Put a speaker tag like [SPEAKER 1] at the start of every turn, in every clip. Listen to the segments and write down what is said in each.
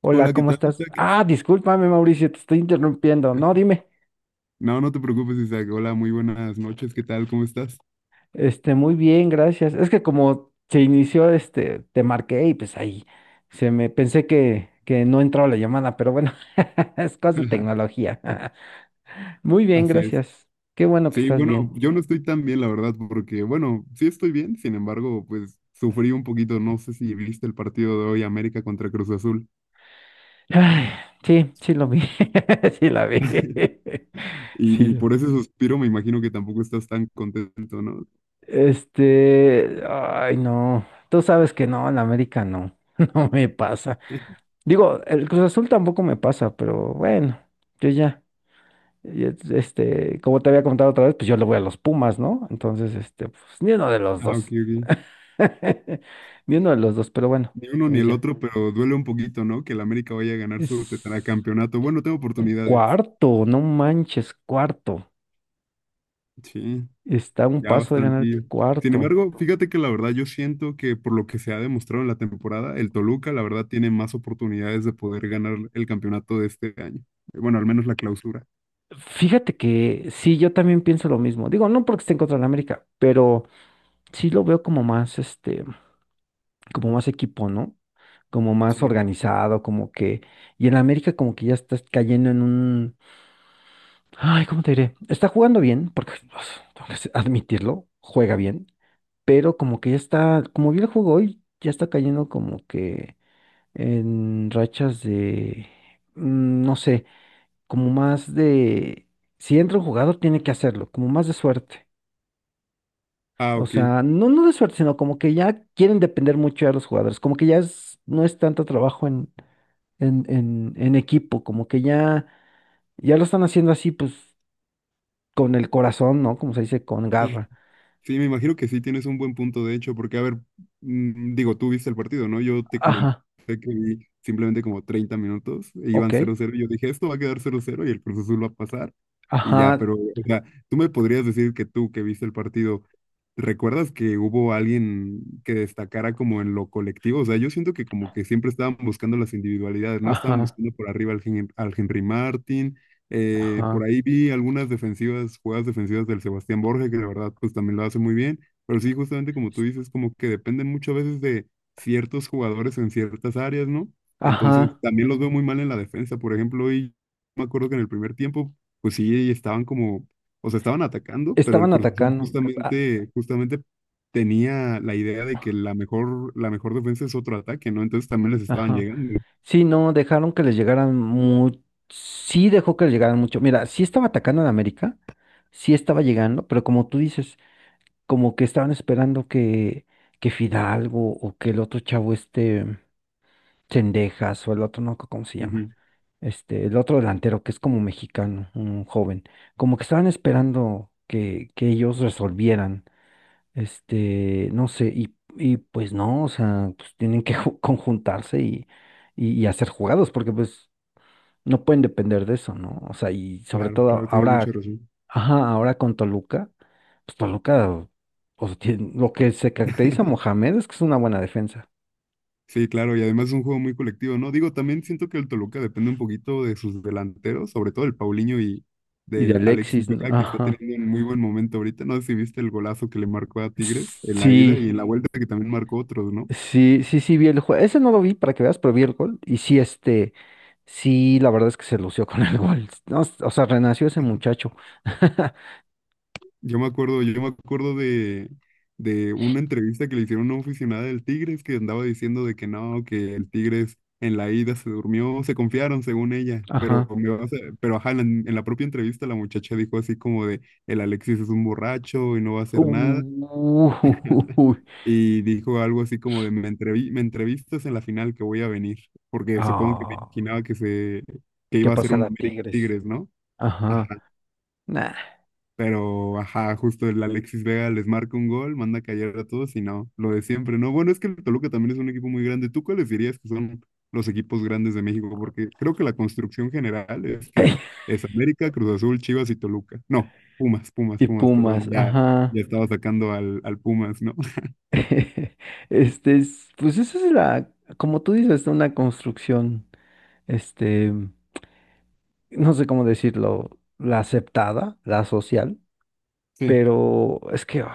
[SPEAKER 1] Hola,
[SPEAKER 2] Hola, ¿qué
[SPEAKER 1] ¿cómo
[SPEAKER 2] tal,
[SPEAKER 1] estás?
[SPEAKER 2] Isaac?
[SPEAKER 1] Ah, discúlpame, Mauricio, te estoy interrumpiendo. No, dime.
[SPEAKER 2] No, no te preocupes, Isaac. Hola, muy buenas noches. ¿Qué tal? ¿Cómo estás?
[SPEAKER 1] Muy bien, gracias. Es que como se inició, te marqué y pues ahí se me pensé que no entraba la llamada, pero bueno, es cosa de tecnología. Muy bien,
[SPEAKER 2] Así es.
[SPEAKER 1] gracias. Qué bueno que
[SPEAKER 2] Sí,
[SPEAKER 1] estás
[SPEAKER 2] bueno,
[SPEAKER 1] bien.
[SPEAKER 2] yo no estoy tan bien, la verdad, porque, bueno, sí estoy bien, sin embargo, pues sufrí un poquito. No sé si viste el partido de hoy, América contra Cruz Azul.
[SPEAKER 1] Ay, sí, sí lo vi. Sí la vi. Sí
[SPEAKER 2] Y
[SPEAKER 1] lo vi.
[SPEAKER 2] por ese suspiro me imagino que tampoco estás tan contento, ¿no?
[SPEAKER 1] Ay, no. Tú sabes que no, en la América no. No me pasa. Digo, el Cruz Azul tampoco me pasa, pero bueno, yo ya, como te había comentado otra vez, pues yo le voy a los Pumas, ¿no? Entonces, pues ni uno de los
[SPEAKER 2] Ah, ok,
[SPEAKER 1] dos.
[SPEAKER 2] ok.
[SPEAKER 1] Ni uno de los dos, pero bueno,
[SPEAKER 2] Ni uno ni
[SPEAKER 1] pues
[SPEAKER 2] el
[SPEAKER 1] ya.
[SPEAKER 2] otro, pero duele un poquito, ¿no? Que el América vaya a ganar
[SPEAKER 1] Es
[SPEAKER 2] su tetracampeonato. Bueno, tengo oportunidades.
[SPEAKER 1] cuarto, no manches, cuarto.
[SPEAKER 2] Sí.
[SPEAKER 1] Está a un
[SPEAKER 2] Ya
[SPEAKER 1] paso de ganar
[SPEAKER 2] bastantillo. Sin
[SPEAKER 1] cuarto.
[SPEAKER 2] embargo, fíjate que la verdad yo siento que por lo que se ha demostrado en la temporada, el Toluca la verdad tiene más oportunidades de poder ganar el campeonato de este año. Bueno, al menos la clausura.
[SPEAKER 1] Fíjate que sí, yo también pienso lo mismo. Digo, no porque esté en contra de la América, pero sí lo veo como más, como más equipo, ¿no? Como más
[SPEAKER 2] Sí,
[SPEAKER 1] organizado, como que... Y en América como que ya estás cayendo en un... Ay, ¿cómo te diré? Está jugando bien, porque tengo que admitirlo, juega bien, pero como que ya está, como vi el juego hoy, ya está cayendo como que en rachas de... No sé, como más de... Si entra un jugador, tiene que hacerlo, como más de suerte.
[SPEAKER 2] Ah,
[SPEAKER 1] O
[SPEAKER 2] ok.
[SPEAKER 1] sea, no, no de suerte, sino como que ya quieren depender mucho de los jugadores, como que no es tanto trabajo en equipo, como que ya, ya lo están haciendo así, pues, con el corazón, ¿no? Como se dice, con
[SPEAKER 2] Sí.
[SPEAKER 1] garra.
[SPEAKER 2] Sí, me imagino que sí tienes un buen punto, de hecho, porque, a ver, digo, tú viste el partido, ¿no? Yo te comenté
[SPEAKER 1] Ajá,
[SPEAKER 2] que vi simplemente como 30 minutos, e iban
[SPEAKER 1] ok,
[SPEAKER 2] 0-0 y yo dije, esto va a quedar 0-0 y el Cruz Azul va a pasar, y ya,
[SPEAKER 1] ajá,
[SPEAKER 2] pero, o sea, tú me podrías decir que tú que viste el partido, ¿recuerdas que hubo alguien que destacara como en lo colectivo? O sea, yo siento que como que siempre estaban buscando las individualidades, ¿no? Estaban
[SPEAKER 1] ajá,
[SPEAKER 2] buscando por arriba al, al Henry Martin, por
[SPEAKER 1] ajá,
[SPEAKER 2] ahí vi algunas defensivas, jugadas defensivas del Sebastián Borges, que de verdad pues también lo hace muy bien, pero sí, justamente como
[SPEAKER 1] s-
[SPEAKER 2] tú dices, como que dependen muchas veces de ciertos jugadores en ciertas áreas, ¿no? Entonces
[SPEAKER 1] ajá.
[SPEAKER 2] también los veo muy mal en la defensa, por ejemplo, y me acuerdo que en el primer tiempo, pues sí, estaban como, o sea, estaban atacando, pero el
[SPEAKER 1] Estaban
[SPEAKER 2] Cruz Azul
[SPEAKER 1] atacando. a-
[SPEAKER 2] justamente, justamente tenía la idea de que la mejor defensa es otro ataque, ¿no? Entonces también les estaban
[SPEAKER 1] Ajá.
[SPEAKER 2] llegando.
[SPEAKER 1] Sí, no, dejaron que les llegaran mucho. Sí dejó que les llegaran mucho. Mira, sí estaba atacando en América, sí estaba llegando, pero como tú dices, como que estaban esperando que Fidalgo o que el otro chavo este. Cendejas o el otro, no, me acuerdo, ¿cómo se llama?
[SPEAKER 2] Ujú.
[SPEAKER 1] El otro delantero que es como mexicano, un joven. Como que estaban esperando que ellos resolvieran. No sé, y pues no, o sea, pues tienen que conjuntarse y hacer jugados, porque pues no pueden depender de eso, ¿no? O sea, y sobre
[SPEAKER 2] Claro,
[SPEAKER 1] todo
[SPEAKER 2] claro, tienes mucha
[SPEAKER 1] ahora,
[SPEAKER 2] razón.
[SPEAKER 1] ajá, ahora con Toluca, pues Toluca, o sea, lo que se caracteriza a Mohamed es que es una buena defensa.
[SPEAKER 2] Sí, claro, y además es un juego muy colectivo, ¿no? Digo, también siento que el Toluca depende un poquito de sus delanteros, sobre todo el Paulinho y
[SPEAKER 1] Y de
[SPEAKER 2] del Alexis
[SPEAKER 1] Alexis, ¿no?
[SPEAKER 2] Vega, que está
[SPEAKER 1] Ajá.
[SPEAKER 2] teniendo un muy buen momento ahorita. No sé si viste el golazo que le marcó a Tigres en la ida
[SPEAKER 1] Sí,
[SPEAKER 2] y en la vuelta que también marcó otros, ¿no?
[SPEAKER 1] sí, vi el juego. Ese no lo vi para que veas, pero vi el gol. Y sí, sí, la verdad es que se lució con el gol. No, o sea, renació ese muchacho.
[SPEAKER 2] Yo me acuerdo, de una entrevista que le hicieron a una aficionada del Tigres que andaba diciendo de que no, que el Tigres en la ida se durmió, se confiaron según ella, pero
[SPEAKER 1] Ajá.
[SPEAKER 2] pero ajá, en la propia entrevista la muchacha dijo así como de el Alexis es un borracho y no va a hacer nada
[SPEAKER 1] Uy.
[SPEAKER 2] y dijo algo así como de me entrevistas en la final que voy a venir, porque supongo que me
[SPEAKER 1] Ah,
[SPEAKER 2] imaginaba que
[SPEAKER 1] ¿qué
[SPEAKER 2] iba a ser un
[SPEAKER 1] pasará,
[SPEAKER 2] América
[SPEAKER 1] Tigres?
[SPEAKER 2] Tigres, ¿no? Ajá.
[SPEAKER 1] Ajá. Nah.
[SPEAKER 2] Pero, ajá, justo el Alexis Vega les marca un gol, manda a callar a todos y no, lo de siempre, ¿no? Bueno, es que el Toluca también es un equipo muy grande. ¿Tú cuáles dirías que son los equipos grandes de México? Porque creo que la construcción general es que es América, Cruz Azul, Chivas y Toluca. No, Pumas, Pumas,
[SPEAKER 1] Y
[SPEAKER 2] Pumas,
[SPEAKER 1] Pumas,
[SPEAKER 2] perdón, ya,
[SPEAKER 1] ajá.
[SPEAKER 2] ya estaba sacando al, al Pumas, ¿no?
[SPEAKER 1] Pues esa es la, como tú dices, una construcción, este, no sé cómo decirlo, la aceptada, la social.
[SPEAKER 2] Sí.
[SPEAKER 1] Pero es que, ay,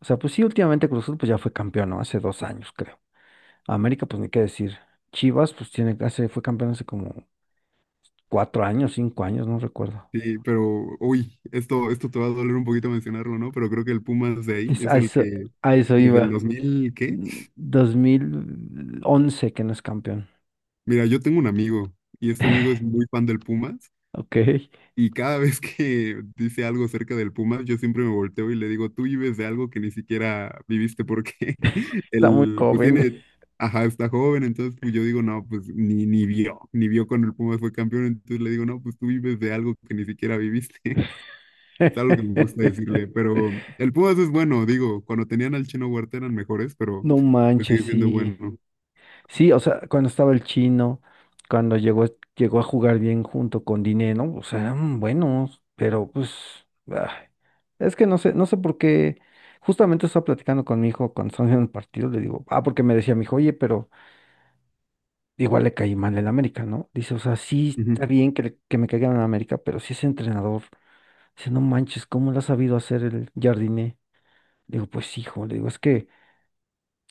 [SPEAKER 1] o sea, pues sí, últimamente Cruz Azul pues ya fue campeón, ¿no? Hace 2 años, creo. América, pues ni qué decir. Chivas, pues tiene, hace, fue campeón hace como 4 años, 5 años, no recuerdo.
[SPEAKER 2] Sí, pero, uy, esto te va a doler un poquito mencionarlo, ¿no? Pero creo que el Pumas de ahí es
[SPEAKER 1] A
[SPEAKER 2] el
[SPEAKER 1] eso,
[SPEAKER 2] que
[SPEAKER 1] a eso
[SPEAKER 2] desde el
[SPEAKER 1] iba.
[SPEAKER 2] 2000 ¿qué?
[SPEAKER 1] Mm, 2011 que no es campeón.
[SPEAKER 2] Mira, yo tengo un amigo y este amigo es muy fan del Pumas.
[SPEAKER 1] Ok,
[SPEAKER 2] Y cada vez que dice algo acerca del Pumas, yo siempre me volteo y le digo, tú vives de algo que ni siquiera viviste porque
[SPEAKER 1] está muy
[SPEAKER 2] él, pues
[SPEAKER 1] joven.
[SPEAKER 2] tiene, ajá, está joven, entonces pues yo digo, no, pues ni, ni vio, ni vio cuando el Pumas fue campeón, entonces le digo, no, pues tú vives de algo que ni siquiera viviste. Es algo que me gusta decirle, pero el Pumas es bueno, digo, cuando tenían al Chino Huerta eran mejores, pero
[SPEAKER 1] No
[SPEAKER 2] pues
[SPEAKER 1] manches,
[SPEAKER 2] sigue siendo
[SPEAKER 1] sí.
[SPEAKER 2] bueno.
[SPEAKER 1] Sí, o sea, cuando estaba el chino, cuando llegó, llegó a jugar bien junto con Dineno, o sea, eran buenos, pero pues, ay, es que no sé, no sé por qué. Justamente estaba platicando con mi hijo cuando estábamos en el partido, le digo, ah, porque me decía mi hijo, oye, pero igual le caí mal en América, ¿no? Dice, o sea, sí está
[SPEAKER 2] Ujú,
[SPEAKER 1] bien que, que me caigan en América, pero si ese entrenador, dice, no manches, ¿cómo lo ha sabido hacer el Jardiné? Digo, pues hijo, le digo, es que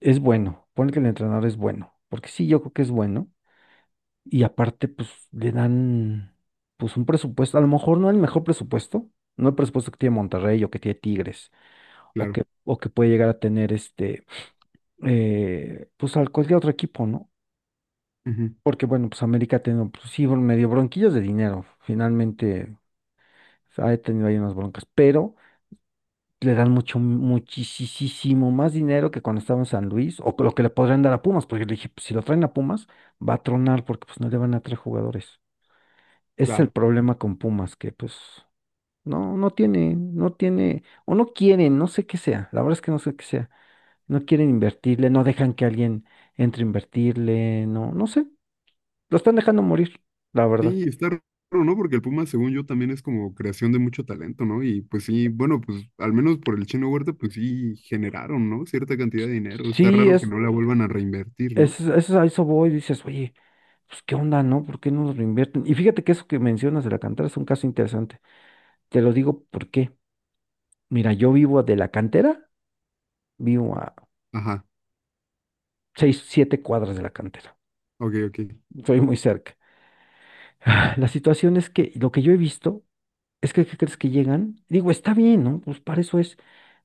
[SPEAKER 1] es bueno, pone que el entrenador es bueno, porque sí, yo creo que es bueno. Y aparte, pues le dan pues un presupuesto, a lo mejor no el mejor presupuesto, no el presupuesto que tiene Monterrey o que tiene Tigres
[SPEAKER 2] claro,
[SPEAKER 1] o que puede llegar a tener pues al cualquier otro equipo, ¿no?
[SPEAKER 2] ujú,
[SPEAKER 1] Porque bueno, pues América ha tenido, pues sí, bueno, medio bronquillas de dinero, finalmente pues, ha tenido ahí unas broncas, pero le dan mucho, muchísimo más dinero que cuando estaba en San Luis o que lo que le podrían dar a Pumas, porque le dije, pues, si lo traen a Pumas, va a tronar porque pues no le van a traer jugadores. Ese es el
[SPEAKER 2] claro.
[SPEAKER 1] problema con Pumas, que pues no, no tiene, o no quieren, no sé qué sea, la verdad es que no sé qué sea, no quieren invertirle, no dejan que alguien entre a invertirle, no, no sé, lo están dejando morir, la verdad.
[SPEAKER 2] Sí, está raro, ¿no? Porque el Puma, según yo, también es como creación de mucho talento, ¿no? Y pues sí, bueno, pues al menos por el Chino Huerta, pues sí generaron, ¿no? Cierta cantidad de dinero. Está
[SPEAKER 1] Sí,
[SPEAKER 2] raro que no la vuelvan a reinvertir, ¿no?
[SPEAKER 1] es a eso voy, dices, oye, pues qué onda, ¿no? ¿Por qué no nos lo invierten? Y fíjate que eso que mencionas de la cantera es un caso interesante, te lo digo porque, mira, yo vivo de la cantera, vivo a
[SPEAKER 2] Ajá,
[SPEAKER 1] seis, siete cuadras de la cantera,
[SPEAKER 2] ok, ok,
[SPEAKER 1] soy muy cerca. Ah, la situación es que lo que yo he visto es que, ¿qué crees que llegan? Digo, está bien, ¿no? Pues para eso es.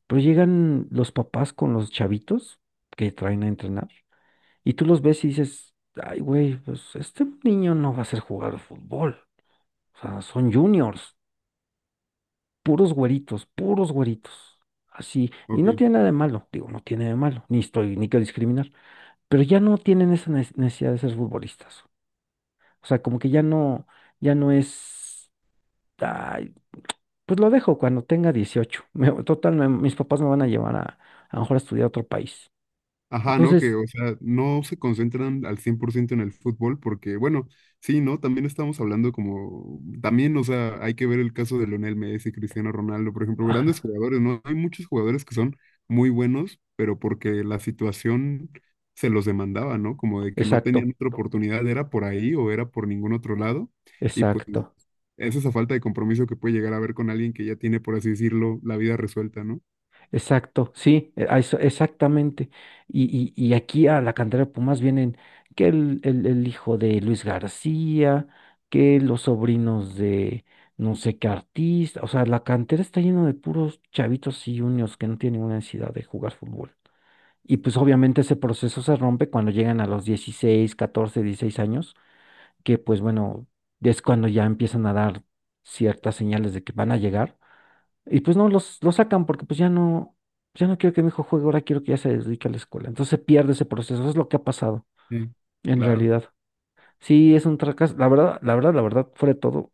[SPEAKER 1] Pero llegan los papás con los chavitos que traen a entrenar y tú los ves y dices, ay, güey, pues este niño no va a ser jugar fútbol. O sea, son juniors, puros güeritos, puros güeritos. Así. Y
[SPEAKER 2] ok.
[SPEAKER 1] no tiene nada de malo, digo, no tiene nada de malo, ni estoy, ni quiero discriminar. Pero ya no tienen esa necesidad de ser futbolistas. O sea, como que ya no, ya no es. Pues lo dejo cuando tenga 18. Total, mis papás me van a llevar a lo mejor a estudiar a otro país.
[SPEAKER 2] Ajá, ¿no? Que,
[SPEAKER 1] Entonces,
[SPEAKER 2] o sea, no se concentran al 100% en el fútbol porque, bueno, sí, ¿no? También estamos hablando como, también, o sea, hay que ver el caso de Lionel Messi, Cristiano Ronaldo, por ejemplo,
[SPEAKER 1] ah,
[SPEAKER 2] grandes jugadores, ¿no? Hay muchos jugadores que son muy buenos, pero porque la situación se los demandaba, ¿no? Como de que no tenían
[SPEAKER 1] exacto,
[SPEAKER 2] otra oportunidad, era por ahí o era por ningún otro lado. Y pues
[SPEAKER 1] exacto,
[SPEAKER 2] es esa falta de compromiso que puede llegar a haber con alguien que ya tiene, por así decirlo, la vida resuelta, ¿no?
[SPEAKER 1] exacto, sí, a eso, exactamente. Y aquí a la cantera de Pumas vienen que el hijo de Luis García, que los sobrinos de no sé qué artista. O sea, la cantera está llena de puros chavitos y juniors que no tienen ninguna necesidad de jugar fútbol. Y pues obviamente ese proceso se rompe cuando llegan a los 16, 14, 16 años que pues bueno, es cuando ya empiezan a dar ciertas señales de que van a llegar. Y pues no, los sacan porque pues ya no, ya no quiero que mi hijo juegue, ahora quiero que ya se dedique a la escuela. Entonces se pierde ese proceso, es lo que ha pasado
[SPEAKER 2] Sí,
[SPEAKER 1] en
[SPEAKER 2] claro.
[SPEAKER 1] realidad. Sí, es un fracaso, la verdad, la verdad, la verdad, fuera de todo,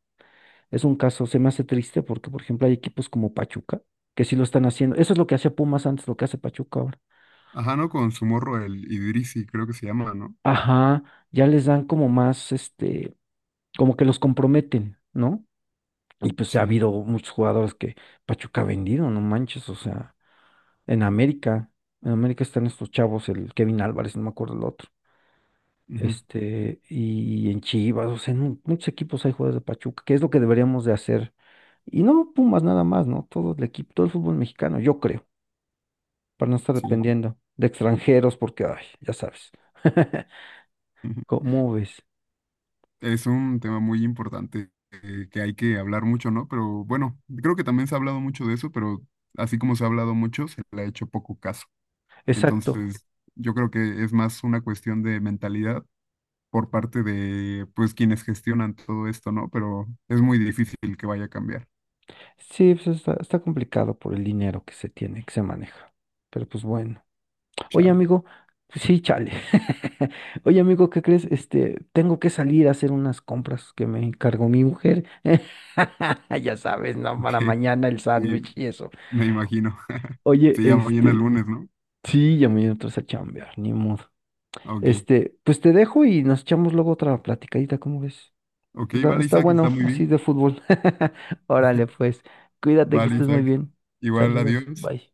[SPEAKER 1] es un caso, se me hace triste porque, por ejemplo, hay equipos como Pachuca que sí lo están haciendo. Eso es lo que hacía Pumas antes, lo que hace Pachuca ahora.
[SPEAKER 2] Ajá, ¿no? Con su morro, el Idrisi, creo que se llama, ¿no?
[SPEAKER 1] Ajá, ya les dan como más, como que los comprometen, ¿no? Y pues ha
[SPEAKER 2] Sí,
[SPEAKER 1] habido muchos jugadores que Pachuca ha vendido, no manches, o sea, en América, en América están estos chavos, el Kevin Álvarez, no me acuerdo el otro,
[SPEAKER 2] ujú,
[SPEAKER 1] y en Chivas, o sea, en muchos equipos hay jugadores de Pachuca, que es lo que deberíamos de hacer. Y no Pumas nada más, ¿no? Todo el equipo, todo el fútbol mexicano, yo creo, para no estar
[SPEAKER 2] sí.
[SPEAKER 1] dependiendo de extranjeros, porque, ay, ya sabes,
[SPEAKER 2] Ujú.
[SPEAKER 1] ¿cómo ves?
[SPEAKER 2] Es un tema muy importante que hay que hablar mucho, ¿no? Pero bueno, creo que también se ha hablado mucho de eso, pero así como se ha hablado mucho, se le ha hecho poco caso.
[SPEAKER 1] Exacto.
[SPEAKER 2] Entonces, yo creo que es más una cuestión de mentalidad por parte de, pues, quienes gestionan todo esto, ¿no? Pero es muy difícil que vaya a cambiar.
[SPEAKER 1] Sí, pues está, está complicado por el dinero que se tiene, que se maneja. Pero pues bueno. Oye,
[SPEAKER 2] Chale,
[SPEAKER 1] amigo, sí, chale. Oye, amigo, ¿qué crees? Tengo que salir a hacer unas compras que me encargó mi mujer. Ya sabes, no,
[SPEAKER 2] ok.
[SPEAKER 1] para mañana el
[SPEAKER 2] Sí,
[SPEAKER 1] sándwich y eso.
[SPEAKER 2] me imagino.
[SPEAKER 1] Oye,
[SPEAKER 2] Se llama mañana el lunes, ¿no?
[SPEAKER 1] sí, ya me entras a chambear, ni modo.
[SPEAKER 2] Ok,
[SPEAKER 1] Pues te dejo y nos echamos luego otra platicadita, ¿cómo ves?
[SPEAKER 2] ok, vale,
[SPEAKER 1] Está
[SPEAKER 2] Isaac, está
[SPEAKER 1] bueno,
[SPEAKER 2] muy
[SPEAKER 1] así
[SPEAKER 2] bien.
[SPEAKER 1] de fútbol. Órale, pues, cuídate que
[SPEAKER 2] Vale,
[SPEAKER 1] estés muy
[SPEAKER 2] Isaac.
[SPEAKER 1] bien.
[SPEAKER 2] Igual,
[SPEAKER 1] Saludos,
[SPEAKER 2] adiós.
[SPEAKER 1] bye.